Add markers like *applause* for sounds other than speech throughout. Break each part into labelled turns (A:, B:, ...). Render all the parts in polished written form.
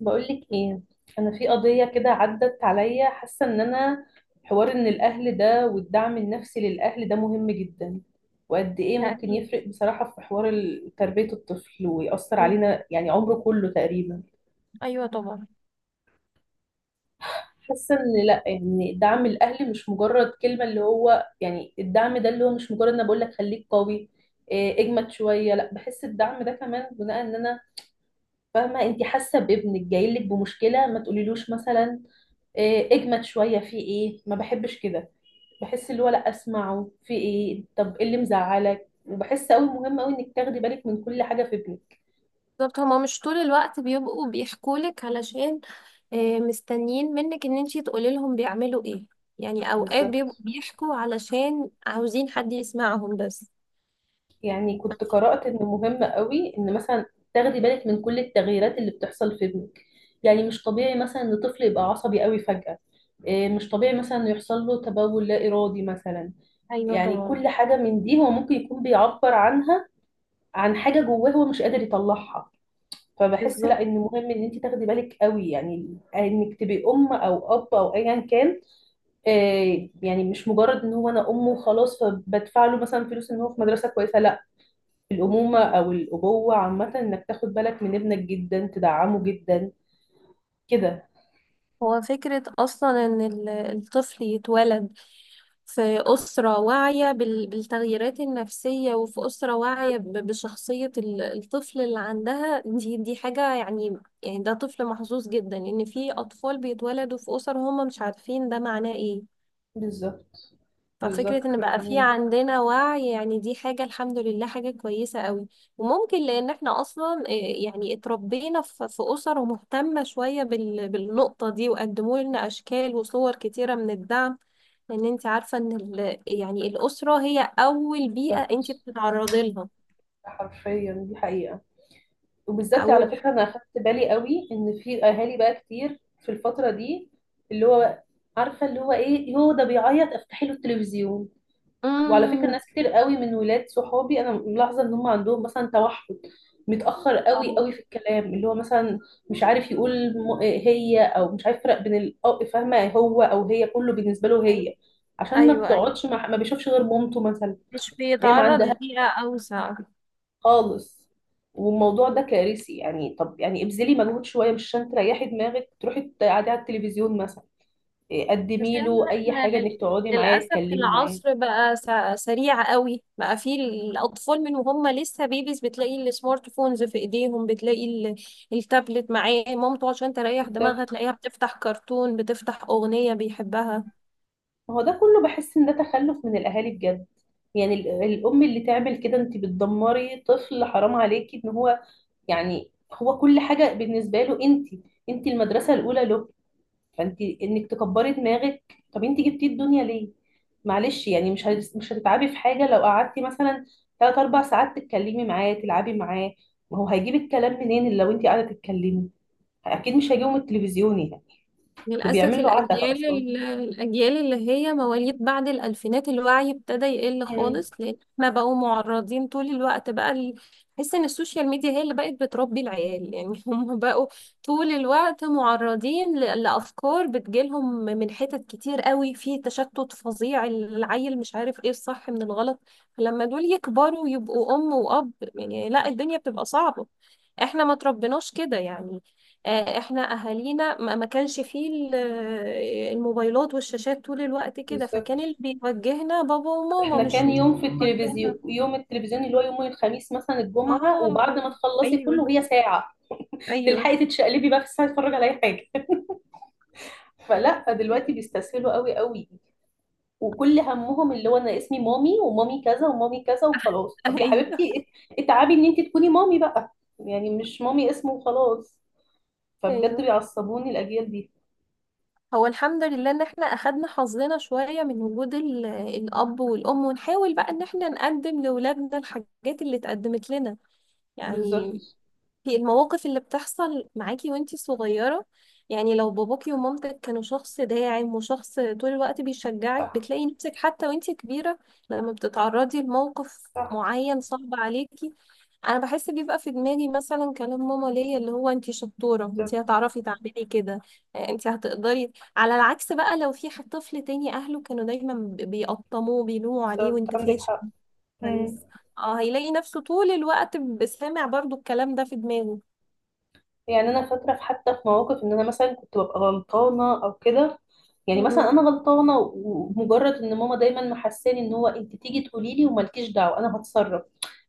A: بقولك ايه، انا في قضيه كده عدت عليا، حاسه ان انا حوار ان الاهل ده والدعم النفسي للاهل ده مهم جدا. وقد ايه
B: لا،
A: ممكن
B: أكيد.
A: يفرق بصراحه في حوار تربيه الطفل ويأثر
B: مم.
A: علينا يعني عمره كله تقريبا.
B: أيوة، طبعا.
A: حاسه ان لا، يعني دعم الاهل مش مجرد كلمه، اللي هو يعني الدعم ده اللي هو مش مجرد انا بقول لك خليك قوي، إيه، اجمد شويه. لا، بحس الدعم ده كمان بناء، ان انا فاهمه انت حاسه بابنك جاي لك بمشكله، ما تقوليلوش مثلا إيه، اجمد شويه، في ايه، ما بحبش كده. بحس اللي هو لا، اسمعه في ايه، طب ايه اللي مزعلك. وبحس قوي مهم قوي انك تاخدي بالك من كل حاجه في ابنك.
B: بالظبط. هما مش طول الوقت بيبقوا بيحكولك علشان مستنيين منك إن انتي تقولي لهم بيعملوا إيه. يعني أوقات بيبقوا
A: بالظبط،
B: بيحكوا علشان عاوزين حد يسمعهم بس.
A: يعني كنت قرات ان مهم قوي ان مثلا تاخدي بالك من كل التغييرات اللي بتحصل في ابنك. يعني مش طبيعي مثلا ان طفل يبقى عصبي قوي فجاه، إيه، مش طبيعي مثلا إنه يحصل له تبول لا ارادي مثلا.
B: أيوة،
A: يعني
B: طبعا.
A: كل حاجه من دي هو ممكن يكون بيعبر عنها، عن حاجه جواه هو مش قادر يطلعها. فبحس
B: بالظبط.
A: لا، ان مهم ان انت تاخدي بالك قوي، يعني انك تبقي ام او اب او ايا كان. آه، يعني مش مجرد ان هو انا ام وخلاص، فبدفع له مثلا فلوس ان هو في مدرسه كويسه، لا، الامومه او الابوه عامه انك تاخد بالك من ابنك جدا، تدعمه جدا كده.
B: هو فكرة أصلا إن الطفل يتولد في أسرة واعية بالتغييرات النفسية، وفي أسرة واعية بشخصية الطفل اللي عندها، دي حاجة يعني. يعني ده طفل محظوظ جدا. إن في أطفال بيتولدوا في أسر هم مش عارفين ده معناه إيه.
A: بالظبط. بالظبط،
B: ففكرة ان بقى في
A: يعني
B: عندنا وعي، يعني دي حاجة الحمد لله، حاجة كويسة قوي. وممكن لان احنا اصلا يعني اتربينا في اسر مهتمة شوية بالنقطة دي، وقدموا لنا اشكال وصور كتيرة من الدعم. لان انت عارفة ان يعني الاسرة هي اول بيئة
A: بالظبط،
B: انت بتتعرضي لها.
A: حرفيا دي حقيقه. وبالذات على
B: اول.
A: فكره انا اخدت بالي قوي ان في اهالي بقى كتير في الفتره دي اللي هو عارفه اللي هو ايه، هو ده بيعيط افتحي له التلفزيون. وعلى فكرة
B: امم.
A: ناس كتير قوي من ولاد صحابي انا ملاحظة ان هم عندهم مثلا توحد، متأخر قوي
B: اه.
A: قوي في الكلام، اللي هو مثلا مش عارف يقول م- هي او مش عارف يفرق بين فاهمة، هو او هي كله بالنسبة له هي، عشان ما
B: ايوه، ايوه.
A: بتقعدش مع، ما بيشوفش غير مامته مثلا.
B: مش
A: هي ما
B: بيتعرض
A: عندها
B: لبيئة اوسع.
A: خالص. والموضوع ده كارثي. يعني طب يعني ابذلي مجهود شوية، مش عشان تريحي دماغك تروحي تقعدي على التلفزيون مثلا، إيه، قدمي
B: عشان
A: له اي
B: احنا
A: حاجة، انك تقعدي معاه
B: للأسف
A: تتكلمي معاه.
B: العصر بقى سريع قوي. بقى فيه الأطفال من وهم لسه بيبيز بتلاقي السمارت فونز في إيديهم، بتلاقي التابلت معاه مامته عشان تريح دماغها، تلاقيها بتفتح كرتون، بتفتح أغنية بيحبها.
A: ما هو ده كله بحس ان ده تخلف من الاهالي بجد. يعني الام اللي تعمل كده، انت بتدمري طفل، حرام عليكي. ان هو يعني هو كل حاجه بالنسبه له انت، انت المدرسه الاولى له، فانت انك تكبري دماغك، طب انت جبتي الدنيا ليه؟ معلش يعني مش هتتعبي في حاجه لو قعدتي مثلا ثلاث اربع ساعات تتكلمي معاه تلعبي معاه. ما هو هيجيب الكلام منين اللي لو انت قاعده تتكلمي؟ اكيد مش هيجيبه من التلفزيون يعني. ده
B: للأسف
A: بيعمل له عتبه
B: الأجيال
A: اصلا.
B: ال- الأجيال اللي هي مواليد بعد الألفينات الوعي ابتدى يقل
A: مم.
B: خالص، لأن احنا بقوا معرضين طول الوقت بقى بحس إن السوشيال ميديا هي اللي بقت بتربي العيال يعني. *laughs* هم بقوا طول الوقت معرضين لأفكار بتجيلهم من حتت كتير قوي. في تشتت فظيع، العيل مش عارف إيه الصح من الغلط. فلما دول يكبروا ويبقوا أم وأب، يعني لا، الدنيا بتبقى صعبة. احنا ما تربناش كده يعني. احنا اهالينا ما كانش فيه الموبايلات والشاشات طول الوقت كده،
A: بالظبط،
B: فكان اللي بيوجهنا بابا وماما،
A: احنا
B: مش
A: كان
B: مش
A: يوم في
B: بيوجهنا.
A: التلفزيون، يوم التلفزيون اللي هو يوم الخميس مثلا الجمعة، وبعد
B: اه.
A: ما تخلصي
B: ايوه.
A: كله هي ساعة
B: ايوه.
A: تلحقي تتشقلبي بقى في الساعة تتفرج على اي حاجة. *laughs* فلا، فدلوقتي
B: *laughs*
A: بيستسهلوا قوي قوي. وكل همهم اللي هو انا اسمي مامي ومامي كذا ومامي كذا وخلاص، طب يا
B: ايوه.
A: حبيبتي اتعبي ان انت تكوني مامي بقى، يعني مش مامي اسمه وخلاص. فبجد
B: ايوه.
A: بيعصبوني الاجيال دي.
B: هو الحمد لله ان احنا اخدنا حظنا شويه من وجود الاب والام، ونحاول بقى ان احنا نقدم لاولادنا الحاجات اللي اتقدمت لنا يعني.
A: بالظبط.
B: في المواقف اللي بتحصل معاكي وانتي صغيرة، يعني لو باباكي ومامتك كانوا شخص داعم وشخص طول الوقت بيشجعك،
A: صح.
B: بتلاقي نفسك حتى وانتي كبيرة لما بتتعرضي لموقف
A: صح.
B: معين صعب عليكي. انا بحس بيبقى في دماغي مثلا كلام ماما ليا، اللي هو انتي شطورة، انتي
A: بالظبط.
B: هتعرفي تعملي كده، انتي هتقدري. على العكس بقى، لو في حد طفل تاني اهله كانوا دايما بيقطموه بيلوموا عليه،
A: بالظبط،
B: وانت
A: عندك
B: فاشل.
A: حق. مم.
B: كويس. اه، هيلاقي نفسه طول الوقت سامع برضو الكلام ده في دماغه.
A: يعني انا فاكره في، حتى في مواقف ان انا مثلا كنت ببقى غلطانه او كده، يعني مثلا
B: م-م.
A: انا غلطانه، ومجرد ان ماما دايما محساني ان هو انت تيجي تقولي لي ومالكيش دعوه انا هتصرف،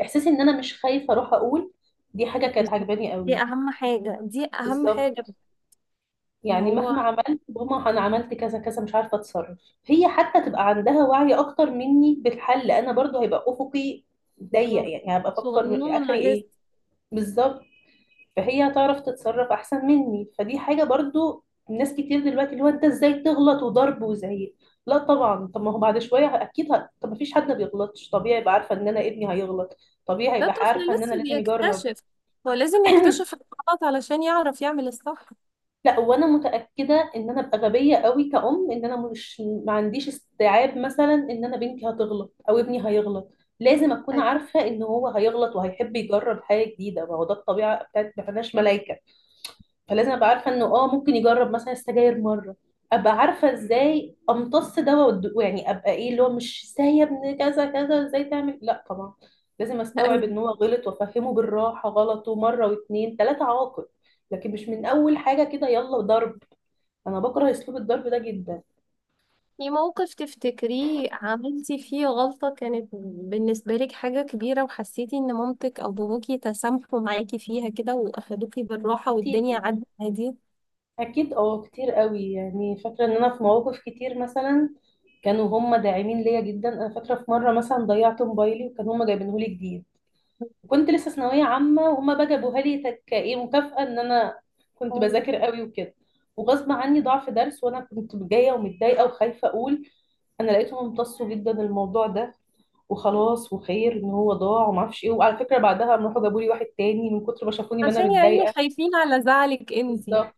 A: احساسي ان انا مش خايفه اروح اقول، دي حاجه كانت
B: بالظبط.
A: عجباني
B: دي
A: قوي.
B: اهم حاجة، دي اهم
A: بالظبط،
B: حاجة. ان
A: يعني
B: هو.
A: مهما عملت، ماما انا عملت كذا كذا مش عارفه اتصرف، هي حتى تبقى عندها وعي اكتر مني بالحل، انا برضو هيبقى افقي ضيق،
B: بالظبط.
A: يعني هبقى افكر
B: صغنونة
A: اخري
B: لسه.
A: ايه. بالظبط. فهي هتعرف تتصرف احسن مني، فدي حاجه برضو. ناس كتير دلوقتي اللي هو انت ازاي تغلط، وضرب وزعيق، لا طبعا. طب ما هو بعد شويه اكيد طب ما فيش حد ما بيغلطش، طبيعي يبقى عارفه ان انا ابني هيغلط، طبيعي
B: ده
A: يبقى
B: طفل
A: عارفه ان انا
B: لسه
A: لازم يجرب.
B: بيكتشف، هو لازم يكتشف الغلط علشان يعرف يعمل الصح.
A: لا، وانا متاكده ان انا ابقى غبيه قوي كأم، ان انا مش، ما عنديش استيعاب مثلا ان انا بنتي هتغلط او ابني هيغلط. لازم اكون
B: أيوة.
A: عارفه ان هو هيغلط وهيحب يجرب حاجه جديده، ما هو ده الطبيعه بتاعت، ما احناش ملايكه. فلازم ابقى عارفه انه اه ممكن يجرب مثلا السجاير مره، ابقى عارفه ازاي امتص ده ويعني ابقى ايه، اللي هو مش ازاي يا ابني كذا كذا، ازاي تعمل، لا طبعا، لازم استوعب
B: أيوة.
A: ان هو غلط، وافهمه بالراحه غلطه مره واتنين تلاته عواقب، لكن مش من اول حاجه كده يلا ضرب. انا بكره اسلوب الضرب ده جدا.
B: في موقف تفتكريه عملتي فيه غلطة كانت بالنسبة لك حاجة كبيرة، وحسيتي ان مامتك او باباكي تسامحوا معاكي فيها كده واخدوكي بالراحة والدنيا
A: كتير.
B: عدت عادي؟
A: اكيد اه، كتير قوي، يعني فاكره ان انا في مواقف كتير مثلا كانوا هم داعمين ليا جدا. انا فاكره في مره مثلا ضيعت موبايلي، وكانوا هم جايبينه لي جديد، وكنت لسه ثانويه عامه، وهما بقى جابوها لي كايه مكافاه ان انا كنت
B: أوه.
A: بذاكر قوي وكده. وغصب عني ضعف درس، وانا كنت جايه ومتضايقه وخايفه اقول. انا لقيتهم امتصوا جدا الموضوع ده، وخلاص وخير ان هو ضاع وما اعرفش ايه. وعلى فكره بعدها قام راحوا جابوا لي واحد تاني من كتر ما شافوني ما انا
B: عشان يعني
A: متضايقه.
B: خايفين على زعلك انتي.
A: بالظبط.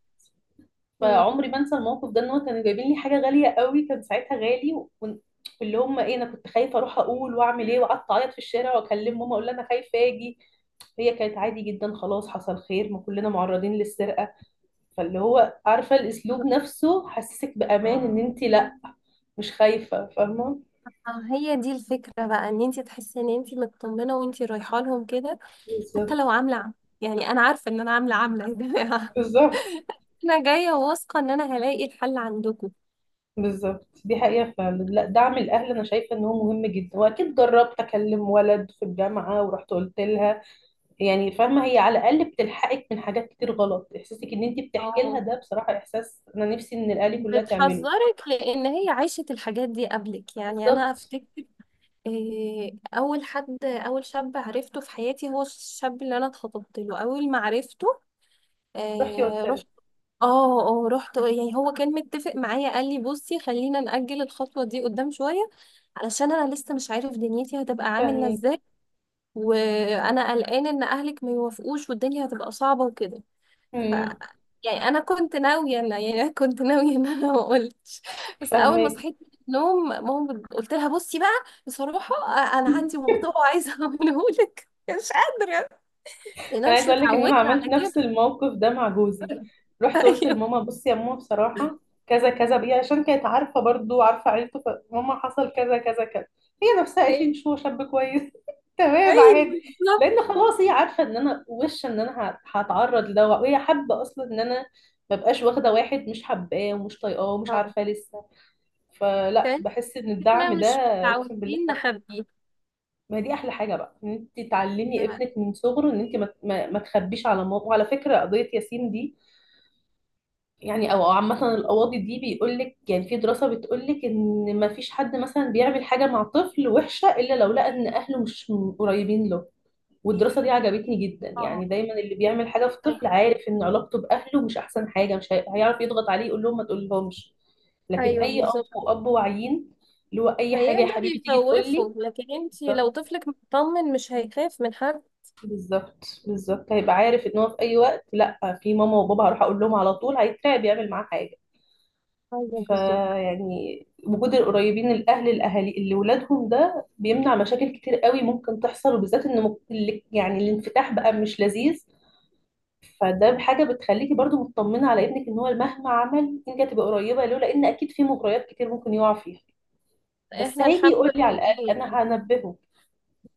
B: م.
A: فعمري ما انسى الموقف ده، ان هو كانوا جايبين لي حاجه غاليه قوي كان ساعتها، غالي وكنت- واللي هم ايه، انا كنت خايفه اروح اقول واعمل ايه، وقعدت اعيط في الشارع واكلم ماما اقول لها انا خايفه اجي. هي كانت عادي جدا، خلاص حصل خير، ما كلنا معرضين للسرقة. فاللي هو عارفة الأسلوب نفسه حسسك بأمان إن أنت لأ، مش خايفة، فاهمة.
B: اه، هي دي الفكرة بقى، ان انتي تحسي ان انتي مطمنة وانتي رايحة لهم كده. حتى
A: بالظبط.
B: لو يعني انا عارفة ان انا عاملة، عاملة يا جماعة.
A: بالظبط.
B: *laughs* انا جاية واثقة ان انا هلاقي الحل عندكم.
A: بالظبط دي حقيقة فعلا. لا، دعم الأهل أنا شايفة إن هو مهم جدا. وأكيد جربت أكلم ولد في الجامعة ورحت قلت لها، يعني فاهمة هي على الأقل بتلحقك من حاجات كتير غلط، إحساسك إن أنت بتحكي لها
B: اه،
A: ده بصراحة إحساس أنا نفسي إن الأهالي كلها تعمله.
B: بتحذرك لان هي عاشت الحاجات دي قبلك، يعني انا
A: بالظبط.
B: افتكر اول شاب عرفته في حياتي هو الشاب اللي انا اتخطبت له اول ما عرفته.
A: رحتي قلت
B: إيه،
A: لها.
B: اه، اه، رحت يعني. هو كان متفق معايا، قال لي بصي خلينا نأجل الخطوة دي قدام شوية، علشان انا لسه مش عارف دنيتي هتبقى عاملة
A: فاهمك.
B: ازاي، وانا قلقان ان اهلك ما يوافقوش والدنيا هتبقى صعبة وكده. ف
A: امم.
B: يعني انا كنت ناوية ان يعني *laughs* أنا كنت ناوية ان انا ما قلتش، بس اول ما
A: فاهمك.
B: صحيت من النوم ماما قلت لها بصي بقى، بصراحة انا عندي موضوع. *laughs* عايزة اقوله لك مش قادرة، لان انا
A: انا
B: مش
A: عايزه اقول لك ان انا
B: متعودة
A: عملت
B: على كده.
A: نفس الموقف ده مع جوزي،
B: *laughs*
A: رحت قلت
B: ايوه،
A: لماما، بصي يا ماما بصراحه كذا كذا بيه، عشان كانت عارفه برضو، عارفه عيلته، فماما حصل كذا كذا كذا. هي نفسها قالت لي ان
B: ايوه،
A: هو شاب كويس. *laughs* تمام
B: ايوه،
A: عادي.
B: بالظبط.
A: لان خلاص هي عارفه ان انا وش ان انا هتعرض لده، وهي حابه اصلا ان انا ما بقاش واخده واحد مش حباه ومش طايقاه ومش
B: اه.
A: عارفاه لسه. فلا، بحس ان
B: احنا
A: الدعم ده،
B: مش
A: اقسم بالله
B: متعودين نخبيه.
A: ما دي احلى حاجه بقى، ان انت تعلمي
B: لا.
A: ابنك من صغره ان انت ما تخبيش على ماما. وعلى فكره قضيه ياسين دي، يعني او أو عامه القواضي دي بيقول لك، يعني في دراسه بتقول لك ان ما فيش حد مثلا بيعمل حاجه مع طفل وحشه الا لو لقى ان اهله مش قريبين له. والدراسه دي عجبتني جدا، يعني
B: آه.
A: دايما اللي بيعمل حاجه في طفل
B: أيوة.
A: عارف ان علاقته باهله مش احسن حاجه، مش هي- هيعرف يضغط عليه يقول لهم ما تقولهمش. لكن
B: ايوه،
A: اي ام
B: بالظبط.
A: واب واعيين اللي هو اي حاجه يا
B: هيقدر
A: حبيبي تيجي تقول لي،
B: يخوفه، لكن انتي لو طفلك مطمن مش هيخاف من حد.
A: بالظبط. بالظبط، هيبقى عارف ان هو في اي وقت لا، في ماما وبابا هروح اقول لهم على طول، هيترعب يعمل معاه حاجه.
B: ايوه، بالظبط.
A: فيعني وجود القريبين، الاهل، الاهالي اللي ولادهم ده بيمنع مشاكل كتير قوي ممكن تحصل. وبالذات ان يعني الانفتاح بقى مش لذيذ، فده حاجه بتخليكي برضو مطمنه على ابنك، ان هو مهما عمل انت هتبقى قريبه له، لان اكيد في مغريات كتير ممكن يقع فيها، بس
B: احنا
A: هيجي
B: الحمد
A: يقول لي على
B: لله
A: الاقل
B: يعني.
A: انا هنبهه.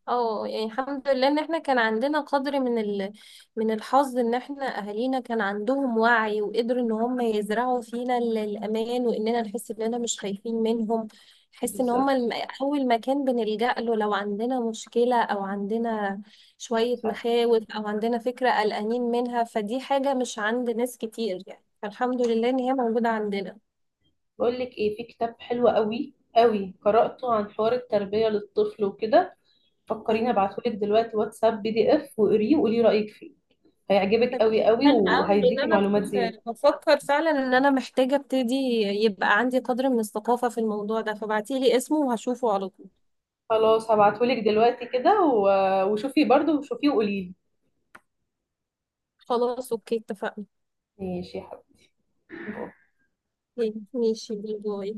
B: اه يعني الحمد لله ان احنا كان عندنا قدر من الحظ، ان احنا اهالينا كان عندهم وعي وقدروا ان هم يزرعوا فينا الامان، واننا نحس اننا مش خايفين منهم. نحس ان هم
A: بالظبط.
B: اول مكان بنلجأ له لو عندنا مشكلة، او عندنا شوية مخاوف، او عندنا فكرة قلقانين منها. فدي حاجة مش عند ناس كتير يعني، فالحمد لله ان هي موجودة عندنا.
A: بقول لك ايه، في كتاب حلو قوي قوي قرأته عن حوار التربية للطفل وكده، فكريني
B: أيوة.
A: ابعتهولك دلوقتي واتساب PDF، وقريه وقولي رأيك فيه. هيعجبك
B: طيب،
A: قوي قوي،
B: حلو قوي، لان
A: وهيديكي
B: انا
A: معلومات زيادة.
B: كنت بفكر فعلا ان انا محتاجه ابتدي، يبقى عندي قدر من الثقافه في الموضوع ده. فبعتيلي اسمه وهشوفه على طول.
A: خلاص، هبعتهولك دلوقتي كده، وشوفي برضه، وشوفيه وقوليلي.
B: خلاص. اوكي، اتفقنا.
A: ماشي يا حبيبي.
B: اوكي، ماشي، باي باي.